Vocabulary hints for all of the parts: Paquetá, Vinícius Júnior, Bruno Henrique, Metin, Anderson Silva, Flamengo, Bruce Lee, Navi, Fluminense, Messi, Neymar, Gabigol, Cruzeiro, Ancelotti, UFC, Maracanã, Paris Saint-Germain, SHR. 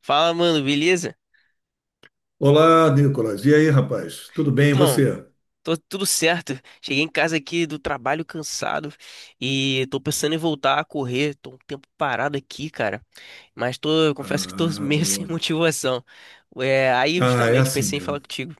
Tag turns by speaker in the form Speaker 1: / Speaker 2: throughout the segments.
Speaker 1: Fala, mano, beleza?
Speaker 2: Olá, Nicolas. E aí, rapaz? Tudo bem, e
Speaker 1: Então,
Speaker 2: você?
Speaker 1: tô tudo certo. Cheguei em casa aqui do trabalho cansado e tô pensando em voltar a correr. Tô um tempo parado aqui, cara. Mas tô, eu confesso que tô
Speaker 2: Ah,
Speaker 1: meio sem
Speaker 2: boa.
Speaker 1: motivação. É, aí
Speaker 2: Ah, é
Speaker 1: justamente
Speaker 2: assim
Speaker 1: pensei em falar
Speaker 2: mesmo.
Speaker 1: contigo.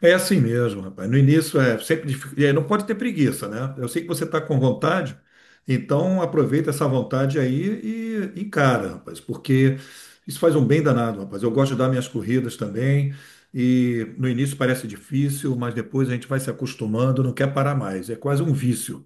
Speaker 2: É assim mesmo, rapaz. No início é sempre é, não pode ter preguiça, né? Eu sei que você está com vontade, então aproveita essa vontade aí e encara, rapaz, porque isso faz um bem danado, rapaz. Eu gosto de dar minhas corridas também, e no início parece difícil, mas depois a gente vai se acostumando, não quer parar mais. É quase um vício.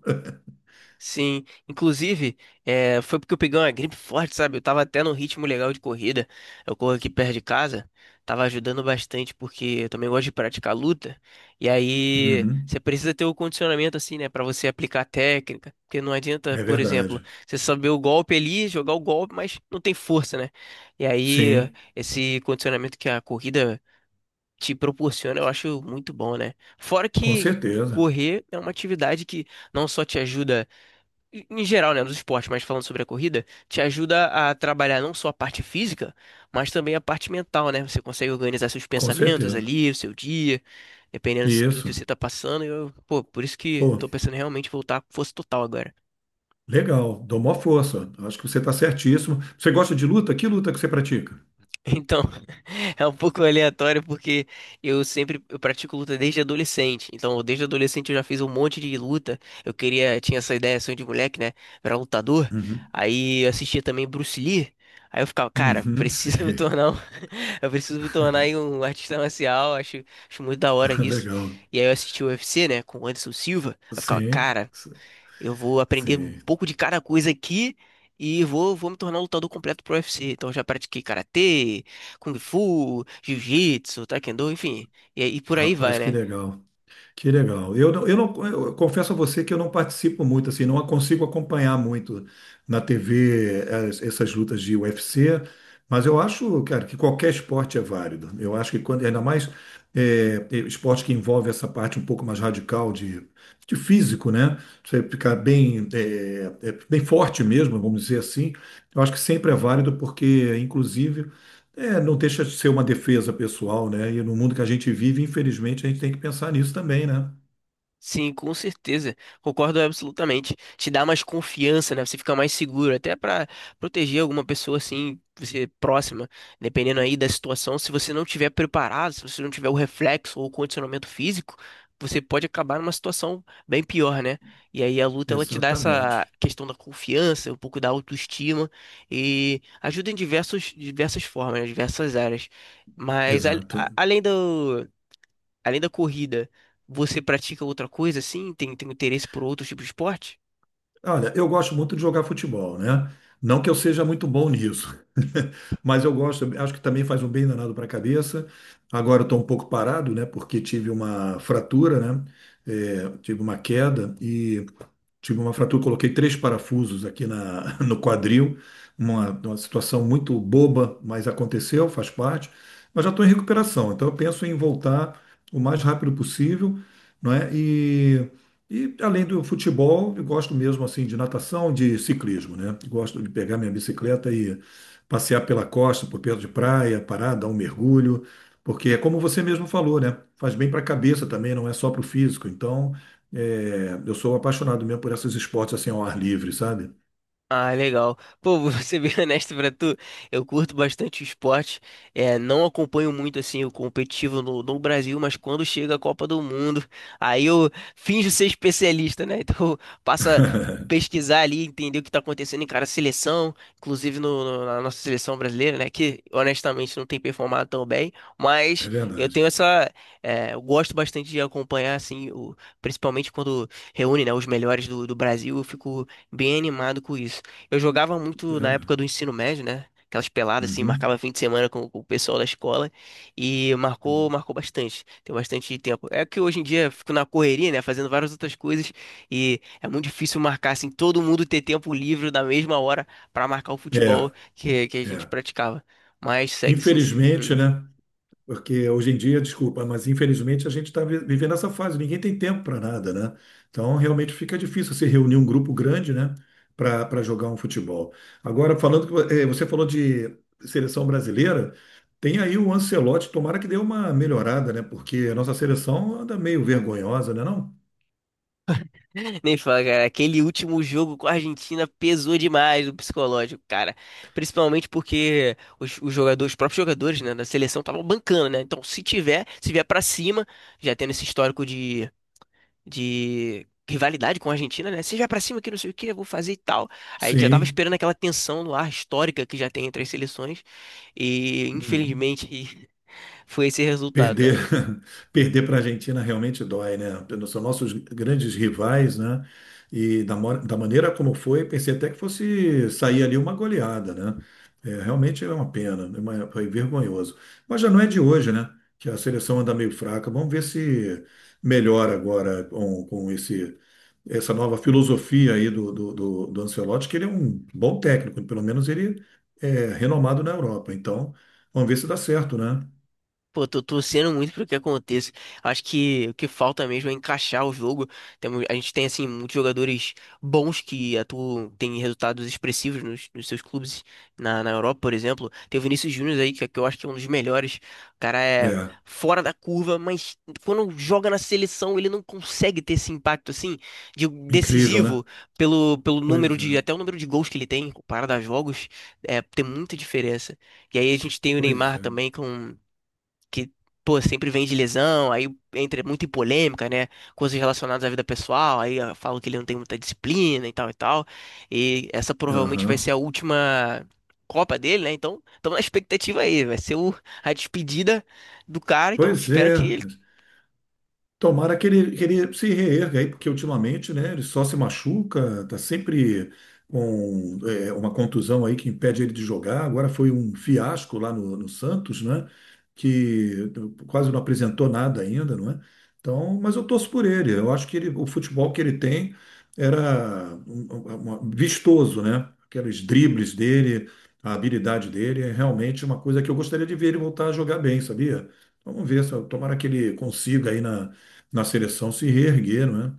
Speaker 1: Sim, inclusive, é, foi porque eu peguei uma gripe forte, sabe? Eu tava até num ritmo legal de corrida. Eu corro aqui perto de casa, tava ajudando bastante porque eu também gosto de praticar luta. E aí,
Speaker 2: Uhum,
Speaker 1: você precisa ter o condicionamento assim, né, pra você aplicar a técnica, porque não adianta,
Speaker 2: é
Speaker 1: por exemplo,
Speaker 2: verdade.
Speaker 1: você saber o golpe ali, jogar o golpe, mas não tem força, né? E aí,
Speaker 2: Sim,
Speaker 1: esse condicionamento que a corrida te proporciona, eu acho muito bom, né? Fora
Speaker 2: com
Speaker 1: que
Speaker 2: certeza.
Speaker 1: correr é uma atividade que não só te ajuda em geral, né, nos esportes, mas falando sobre a corrida, te ajuda a trabalhar não só a parte física, mas também a parte mental, né? Você consegue organizar seus
Speaker 2: Com
Speaker 1: pensamentos
Speaker 2: certeza.
Speaker 1: ali, o seu dia, dependendo do que
Speaker 2: Isso.
Speaker 1: você tá passando. Eu, pô, por isso que
Speaker 2: Pô,
Speaker 1: tô pensando em realmente voltar com força total agora.
Speaker 2: legal. Dou maior força. Acho que você está certíssimo. Você gosta de luta? Que luta que você pratica?
Speaker 1: Então, é um pouco aleatório porque eu pratico luta desde adolescente. Então, desde adolescente eu já fiz um monte de luta. Eu queria, tinha essa ideia, sonho de moleque, né? Virar lutador.
Speaker 2: Uhum.
Speaker 1: Aí eu assistia também Bruce Lee. Aí eu ficava, cara,
Speaker 2: Uhum,
Speaker 1: precisa me
Speaker 2: sei.
Speaker 1: tornar um... eu preciso me tornar aí um artista marcial, acho, acho muito da hora isso.
Speaker 2: Legal.
Speaker 1: E aí eu assisti o UFC, né, com o Anderson Silva. Aí eu ficava,
Speaker 2: Sim,
Speaker 1: cara,
Speaker 2: sim.
Speaker 1: eu vou aprender um
Speaker 2: Sim.
Speaker 1: pouco de cada coisa aqui e vou me tornar um lutador completo pro UFC. Então eu já pratiquei karatê, kung fu, jiu-jitsu, taekwondo, enfim. E, e por aí vai,
Speaker 2: Rapaz, que
Speaker 1: né?
Speaker 2: legal. Que legal. Eu, eu não, eu confesso a você que eu não participo muito, assim, não consigo acompanhar muito na TV essas lutas de UFC, mas eu acho, cara, que qualquer esporte é válido. Eu acho que quando, ainda mais é, esporte que envolve essa parte um pouco mais radical de físico, né? Você ficar bem, bem forte mesmo, vamos dizer assim. Eu acho que sempre é válido porque, inclusive é, não deixa de ser uma defesa pessoal, né? E no mundo que a gente vive, infelizmente, a gente tem que pensar nisso também, né?
Speaker 1: Sim, com certeza. Concordo absolutamente. Te dá mais confiança, né? Você fica mais seguro, até pra proteger alguma pessoa assim, você próxima, dependendo aí da situação. Se você não tiver preparado, se você não tiver o reflexo ou o condicionamento físico, você pode acabar numa situação bem pior, né? E aí a luta ela te dá
Speaker 2: Exatamente.
Speaker 1: essa questão da confiança, um pouco da autoestima e ajuda em diversas formas, né? Diversas áreas. Mas
Speaker 2: Exato.
Speaker 1: Além da corrida, você pratica outra coisa assim? Tem interesse por outros tipos de esporte?
Speaker 2: Olha, eu gosto muito de jogar futebol, né? Não que eu seja muito bom nisso, mas eu gosto, acho que também faz um bem danado para a cabeça. Agora eu estou um pouco parado, né? Porque tive uma fratura, né? É, tive uma queda e tive uma fratura, coloquei três parafusos aqui na, no quadril, uma situação muito boba, mas aconteceu, faz parte. Mas já estou em recuperação, então eu penso em voltar o mais rápido possível, não é? E além do futebol, eu gosto mesmo assim de natação, de ciclismo, né? Gosto de pegar minha bicicleta e passear pela costa, por perto de praia, parar, dar um mergulho, porque é como você mesmo falou, né? Faz bem para a cabeça também, não é só para o físico. Então é, eu sou apaixonado mesmo por esses esportes assim ao ar livre, sabe?
Speaker 1: Ah, legal. Pô, vou ser bem honesto pra tu, eu curto bastante o esporte, é, não acompanho muito assim o competitivo no Brasil, mas quando chega a Copa do Mundo, aí eu finjo ser especialista, né? Então passa a pesquisar ali, entender o que tá acontecendo em cada seleção, inclusive na nossa seleção brasileira, né? Que honestamente não tem performado tão bem, mas
Speaker 2: É
Speaker 1: eu
Speaker 2: verdade,
Speaker 1: tenho essa, é, eu gosto bastante de acompanhar assim, o- principalmente quando reúne, né, os melhores do Brasil, eu fico bem animado com isso. Eu jogava
Speaker 2: é
Speaker 1: muito na época
Speaker 2: verdade.
Speaker 1: do ensino médio, né? Aquelas peladas assim,
Speaker 2: Uhum.
Speaker 1: marcava fim de semana com o pessoal da escola e
Speaker 2: Uhum.
Speaker 1: marcou bastante. Tem bastante tempo. É que hoje em dia eu fico na correria, né, fazendo várias outras coisas e é muito difícil marcar assim todo mundo ter tempo livre na mesma hora pra marcar o
Speaker 2: É,
Speaker 1: futebol que a
Speaker 2: é.
Speaker 1: gente praticava. Mas segue sim.
Speaker 2: Infelizmente,
Speaker 1: Hum.
Speaker 2: né? Porque hoje em dia, desculpa, mas infelizmente a gente está vivendo essa fase, ninguém tem tempo para nada, né? Então realmente fica difícil se reunir um grupo grande, né? Para jogar um futebol. Agora, falando que você falou de seleção brasileira, tem aí o Ancelotti, tomara que dê uma melhorada, né? Porque a nossa seleção anda meio vergonhosa, né? Não?
Speaker 1: Nem fala, cara. Aquele último jogo com a Argentina pesou demais o psicológico, cara. Principalmente porque os jogadores, os próprios jogadores, né, da seleção estavam bancando, né? Então, se tiver, se vier pra cima, já tendo esse histórico de rivalidade com a Argentina, né? Se vier pra cima que não sei o que, eu vou fazer e tal. Aí a gente já tava
Speaker 2: Sim,
Speaker 1: esperando aquela tensão no ar histórica que já tem entre as seleções. E,
Speaker 2: uhum.
Speaker 1: infelizmente, foi esse resultado, né?
Speaker 2: Perder perder para a Argentina realmente dói, né? São nossos grandes rivais, né? E da maneira como foi, pensei até que fosse sair ali uma goleada, né? É, realmente é uma pena, é foi vergonhoso. Mas já não é de hoje, né? Que a seleção anda meio fraca. Vamos ver se melhora agora com esse essa nova filosofia aí do Ancelotti, que ele é um bom técnico, pelo menos ele é renomado na Europa. Então, vamos ver se dá certo, né?
Speaker 1: Pô, tô torcendo muito pro que aconteça. Acho que o que falta mesmo é encaixar o jogo. A gente tem, assim, muitos jogadores bons que atuam, têm resultados expressivos nos seus clubes na Europa, por exemplo. Tem o Vinícius Júnior aí, que eu acho que é um dos melhores. O cara é
Speaker 2: É,
Speaker 1: fora da curva, mas quando joga na seleção, ele não consegue ter esse impacto, assim,
Speaker 2: incrível, né?
Speaker 1: decisivo pelo número
Speaker 2: Pois é,
Speaker 1: de, até o número de gols que ele tem, comparado a jogos, é, tem muita diferença. E aí a gente tem o
Speaker 2: pois
Speaker 1: Neymar
Speaker 2: é.
Speaker 1: também que, pô, sempre vem de lesão, aí entra muito em polêmica, né? Coisas relacionadas à vida pessoal, aí ah, falam que ele não tem muita disciplina e tal e tal. E essa provavelmente vai
Speaker 2: Aham.
Speaker 1: ser a última Copa dele, né? Então, estamos na expectativa aí, a despedida do cara, então
Speaker 2: Pois
Speaker 1: espero
Speaker 2: é.
Speaker 1: que ele...
Speaker 2: Tomara que ele se reerga aí, porque ultimamente, né, ele só se machuca, tá sempre com é, uma contusão aí que impede ele de jogar. Agora foi um fiasco lá no Santos, né, que quase não apresentou nada ainda, não é? Então, mas eu torço por ele. Eu acho que ele, o futebol que ele tem era vistoso, né? Aqueles dribles dele, a habilidade dele é realmente uma coisa que eu gostaria de ver ele voltar a jogar bem, sabia? Vamos ver, tomara que ele consiga aí na seleção se reergueram, né?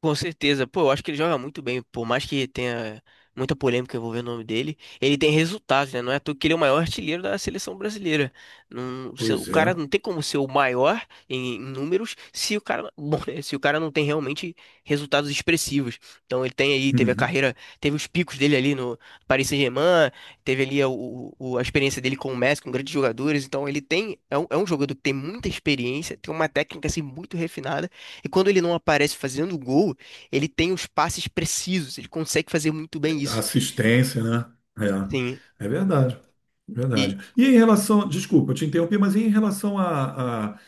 Speaker 1: Com certeza. Pô, eu acho que ele joga muito bem. Por mais que tenha muita polêmica envolvendo o nome dele, ele tem resultados, né? Não é à toa que ele é o maior artilheiro da seleção brasileira. Não, o
Speaker 2: Pois é.
Speaker 1: cara não tem como ser o maior em números se o cara, bom, né, se o cara não tem realmente resultados expressivos. Então ele tem aí, teve a
Speaker 2: Uhum.
Speaker 1: carreira, teve os picos dele ali no Paris Saint-Germain, teve ali a experiência dele com o Messi, com grandes jogadores. Então ele tem, é um jogador que tem muita experiência, tem uma técnica assim muito refinada. E quando ele não aparece fazendo gol, ele tem os passes precisos, ele consegue fazer muito bem isso.
Speaker 2: Assistência, né?
Speaker 1: Sim,
Speaker 2: É, é verdade.
Speaker 1: e
Speaker 2: Verdade. E em relação, desculpa, eu te interrompi, mas e em relação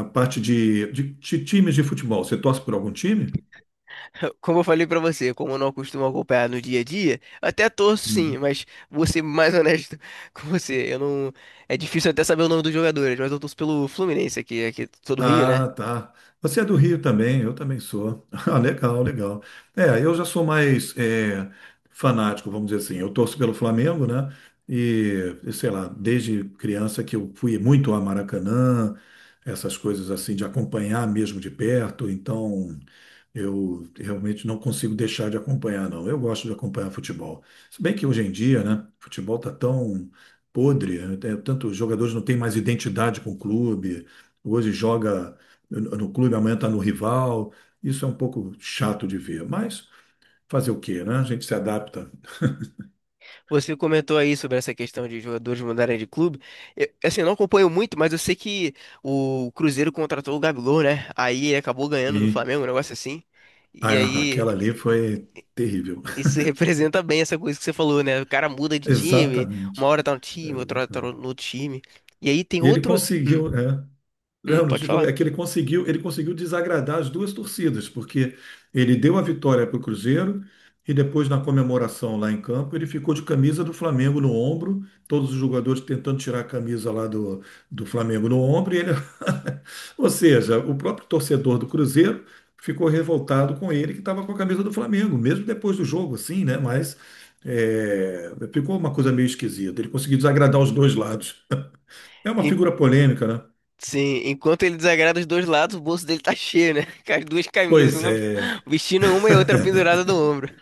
Speaker 2: à parte de, de times de futebol, você torce por algum time?
Speaker 1: como eu falei pra você, como eu não costumo acompanhar no dia a dia, eu até torço sim,
Speaker 2: Uhum.
Speaker 1: mas vou ser mais honesto com você. Eu não, é difícil até saber o nome dos jogadores, mas eu torço pelo Fluminense aqui, aqui sou do Rio, né?
Speaker 2: Ah, tá. Você é do Rio também, eu também sou. Ah, legal, legal. É, eu já sou mais é, fanático, vamos dizer assim. Eu torço pelo Flamengo, né? E sei lá, desde criança que eu fui muito a Maracanã, essas coisas assim, de acompanhar mesmo de perto. Então, eu realmente não consigo deixar de acompanhar, não. Eu gosto de acompanhar futebol. Se bem que hoje em dia, né, futebol tá tão podre, né? Tanto os jogadores não têm mais identidade com o clube. Hoje joga no clube, amanhã está no rival. Isso é um pouco chato de ver, mas fazer o quê, né? A gente se adapta.
Speaker 1: Você comentou aí sobre essa questão de jogadores mudarem de clube. Eu, assim, eu não acompanho muito, mas eu sei que o Cruzeiro contratou o Gabigol, né? Aí ele acabou ganhando do
Speaker 2: E
Speaker 1: Flamengo, um negócio assim. E aí
Speaker 2: aquela ali foi terrível.
Speaker 1: Isso representa bem essa coisa que você falou, né? O cara muda de time,
Speaker 2: Exatamente.
Speaker 1: uma hora tá no time, outra hora tá
Speaker 2: Exatamente.
Speaker 1: no outro time. E aí tem
Speaker 2: E ele
Speaker 1: outro.
Speaker 2: conseguiu, é. Não,
Speaker 1: Pode falar.
Speaker 2: é que ele conseguiu desagradar as duas torcidas, porque ele deu a vitória para o Cruzeiro e depois, na comemoração lá em campo, ele ficou de camisa do Flamengo no ombro, todos os jogadores tentando tirar a camisa lá do Flamengo no ombro, e ele... Ou seja, o próprio torcedor do Cruzeiro ficou revoltado com ele, que estava com a camisa do Flamengo, mesmo depois do jogo, assim, né? Mas é, ficou uma coisa meio esquisita. Ele conseguiu desagradar os dois lados. É uma
Speaker 1: En-
Speaker 2: figura polêmica, né?
Speaker 1: sim, enquanto ele desagrada os dois lados, o bolso dele tá cheio, né? Com as duas camisas,
Speaker 2: Pois
Speaker 1: uma
Speaker 2: é.
Speaker 1: vestindo uma e outra pendurada no ombro.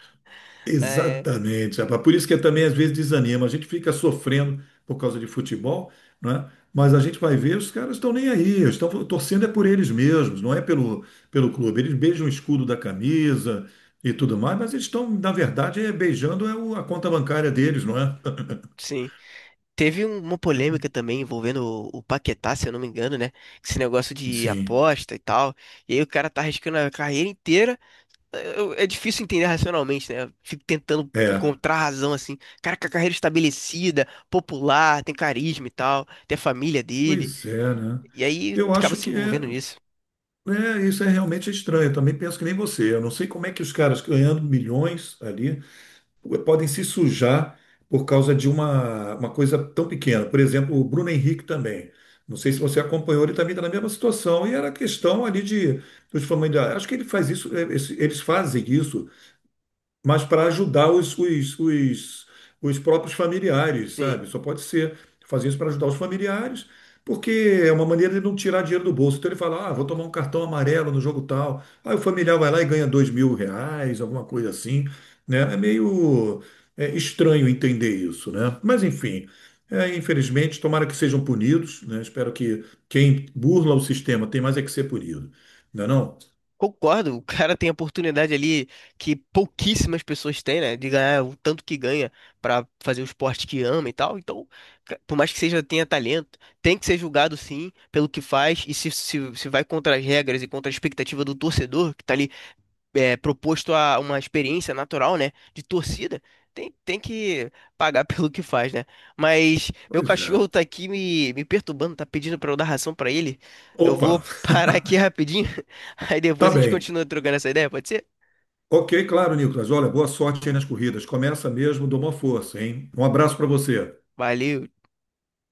Speaker 1: Ah, é.
Speaker 2: Exatamente, rapaz. Por isso que também às vezes desanima. A gente fica sofrendo por causa de futebol, né? Mas a gente vai ver, os caras estão nem aí, estão torcendo é por eles mesmos, não é pelo clube. Eles beijam o escudo da camisa e tudo mais, mas eles estão, na verdade, é, beijando é a conta bancária deles, não é?
Speaker 1: Sim. Teve uma polêmica também envolvendo o Paquetá, se eu não me engano, né? Esse negócio de
Speaker 2: Sim,
Speaker 1: aposta e tal. E aí o cara tá arriscando a carreira inteira. É difícil entender racionalmente, né? Eu fico tentando
Speaker 2: é.
Speaker 1: encontrar razão assim. Cara, com a carreira estabelecida, popular, tem carisma e tal, tem a família dele.
Speaker 2: Pois é, né?
Speaker 1: E aí
Speaker 2: Eu
Speaker 1: acaba
Speaker 2: acho
Speaker 1: se
Speaker 2: que é,
Speaker 1: envolvendo nisso.
Speaker 2: é, isso é realmente estranho. Eu também penso que nem você. Eu não sei como é que os caras ganhando milhões ali podem se sujar por causa de uma coisa tão pequena. Por exemplo, o Bruno Henrique também. Não sei se você acompanhou, ele também está na mesma situação. E era questão ali de dos familiares. Acho que ele faz isso, eles fazem isso mas para ajudar os próprios familiares,
Speaker 1: Sim.
Speaker 2: sabe? Só pode ser fazer isso para ajudar os familiares, porque é uma maneira de não tirar dinheiro do bolso. Então ele fala, ah, vou tomar um cartão amarelo no jogo tal. Aí o familiar vai lá e ganha 2.000 reais, alguma coisa assim, né? É meio é, estranho entender isso, né? Mas enfim. É, infelizmente, tomara que sejam punidos, né? Espero que quem burla o sistema tem mais é que ser punido, não é não?
Speaker 1: Concordo, o cara tem a oportunidade ali que pouquíssimas pessoas têm, né? De ganhar o tanto que ganha pra fazer o esporte que ama e tal. Então, por mais que seja tenha talento, tem que ser julgado sim pelo que faz. E se vai contra as regras e contra a expectativa do torcedor, que tá ali é, proposto a uma experiência natural, né, de torcida, tem que pagar pelo que faz, né? Mas meu
Speaker 2: Pois é.
Speaker 1: cachorro tá aqui me perturbando, tá pedindo pra eu dar ração pra ele. Eu vou
Speaker 2: Opa,
Speaker 1: parar aqui rapidinho, aí
Speaker 2: tá
Speaker 1: depois a gente
Speaker 2: bem.
Speaker 1: continua trocando essa ideia, pode ser?
Speaker 2: Ok, claro, Nicolas. Olha, boa sorte aí nas corridas. Começa mesmo, dou uma força, hein? Um abraço para você.
Speaker 1: Valeu.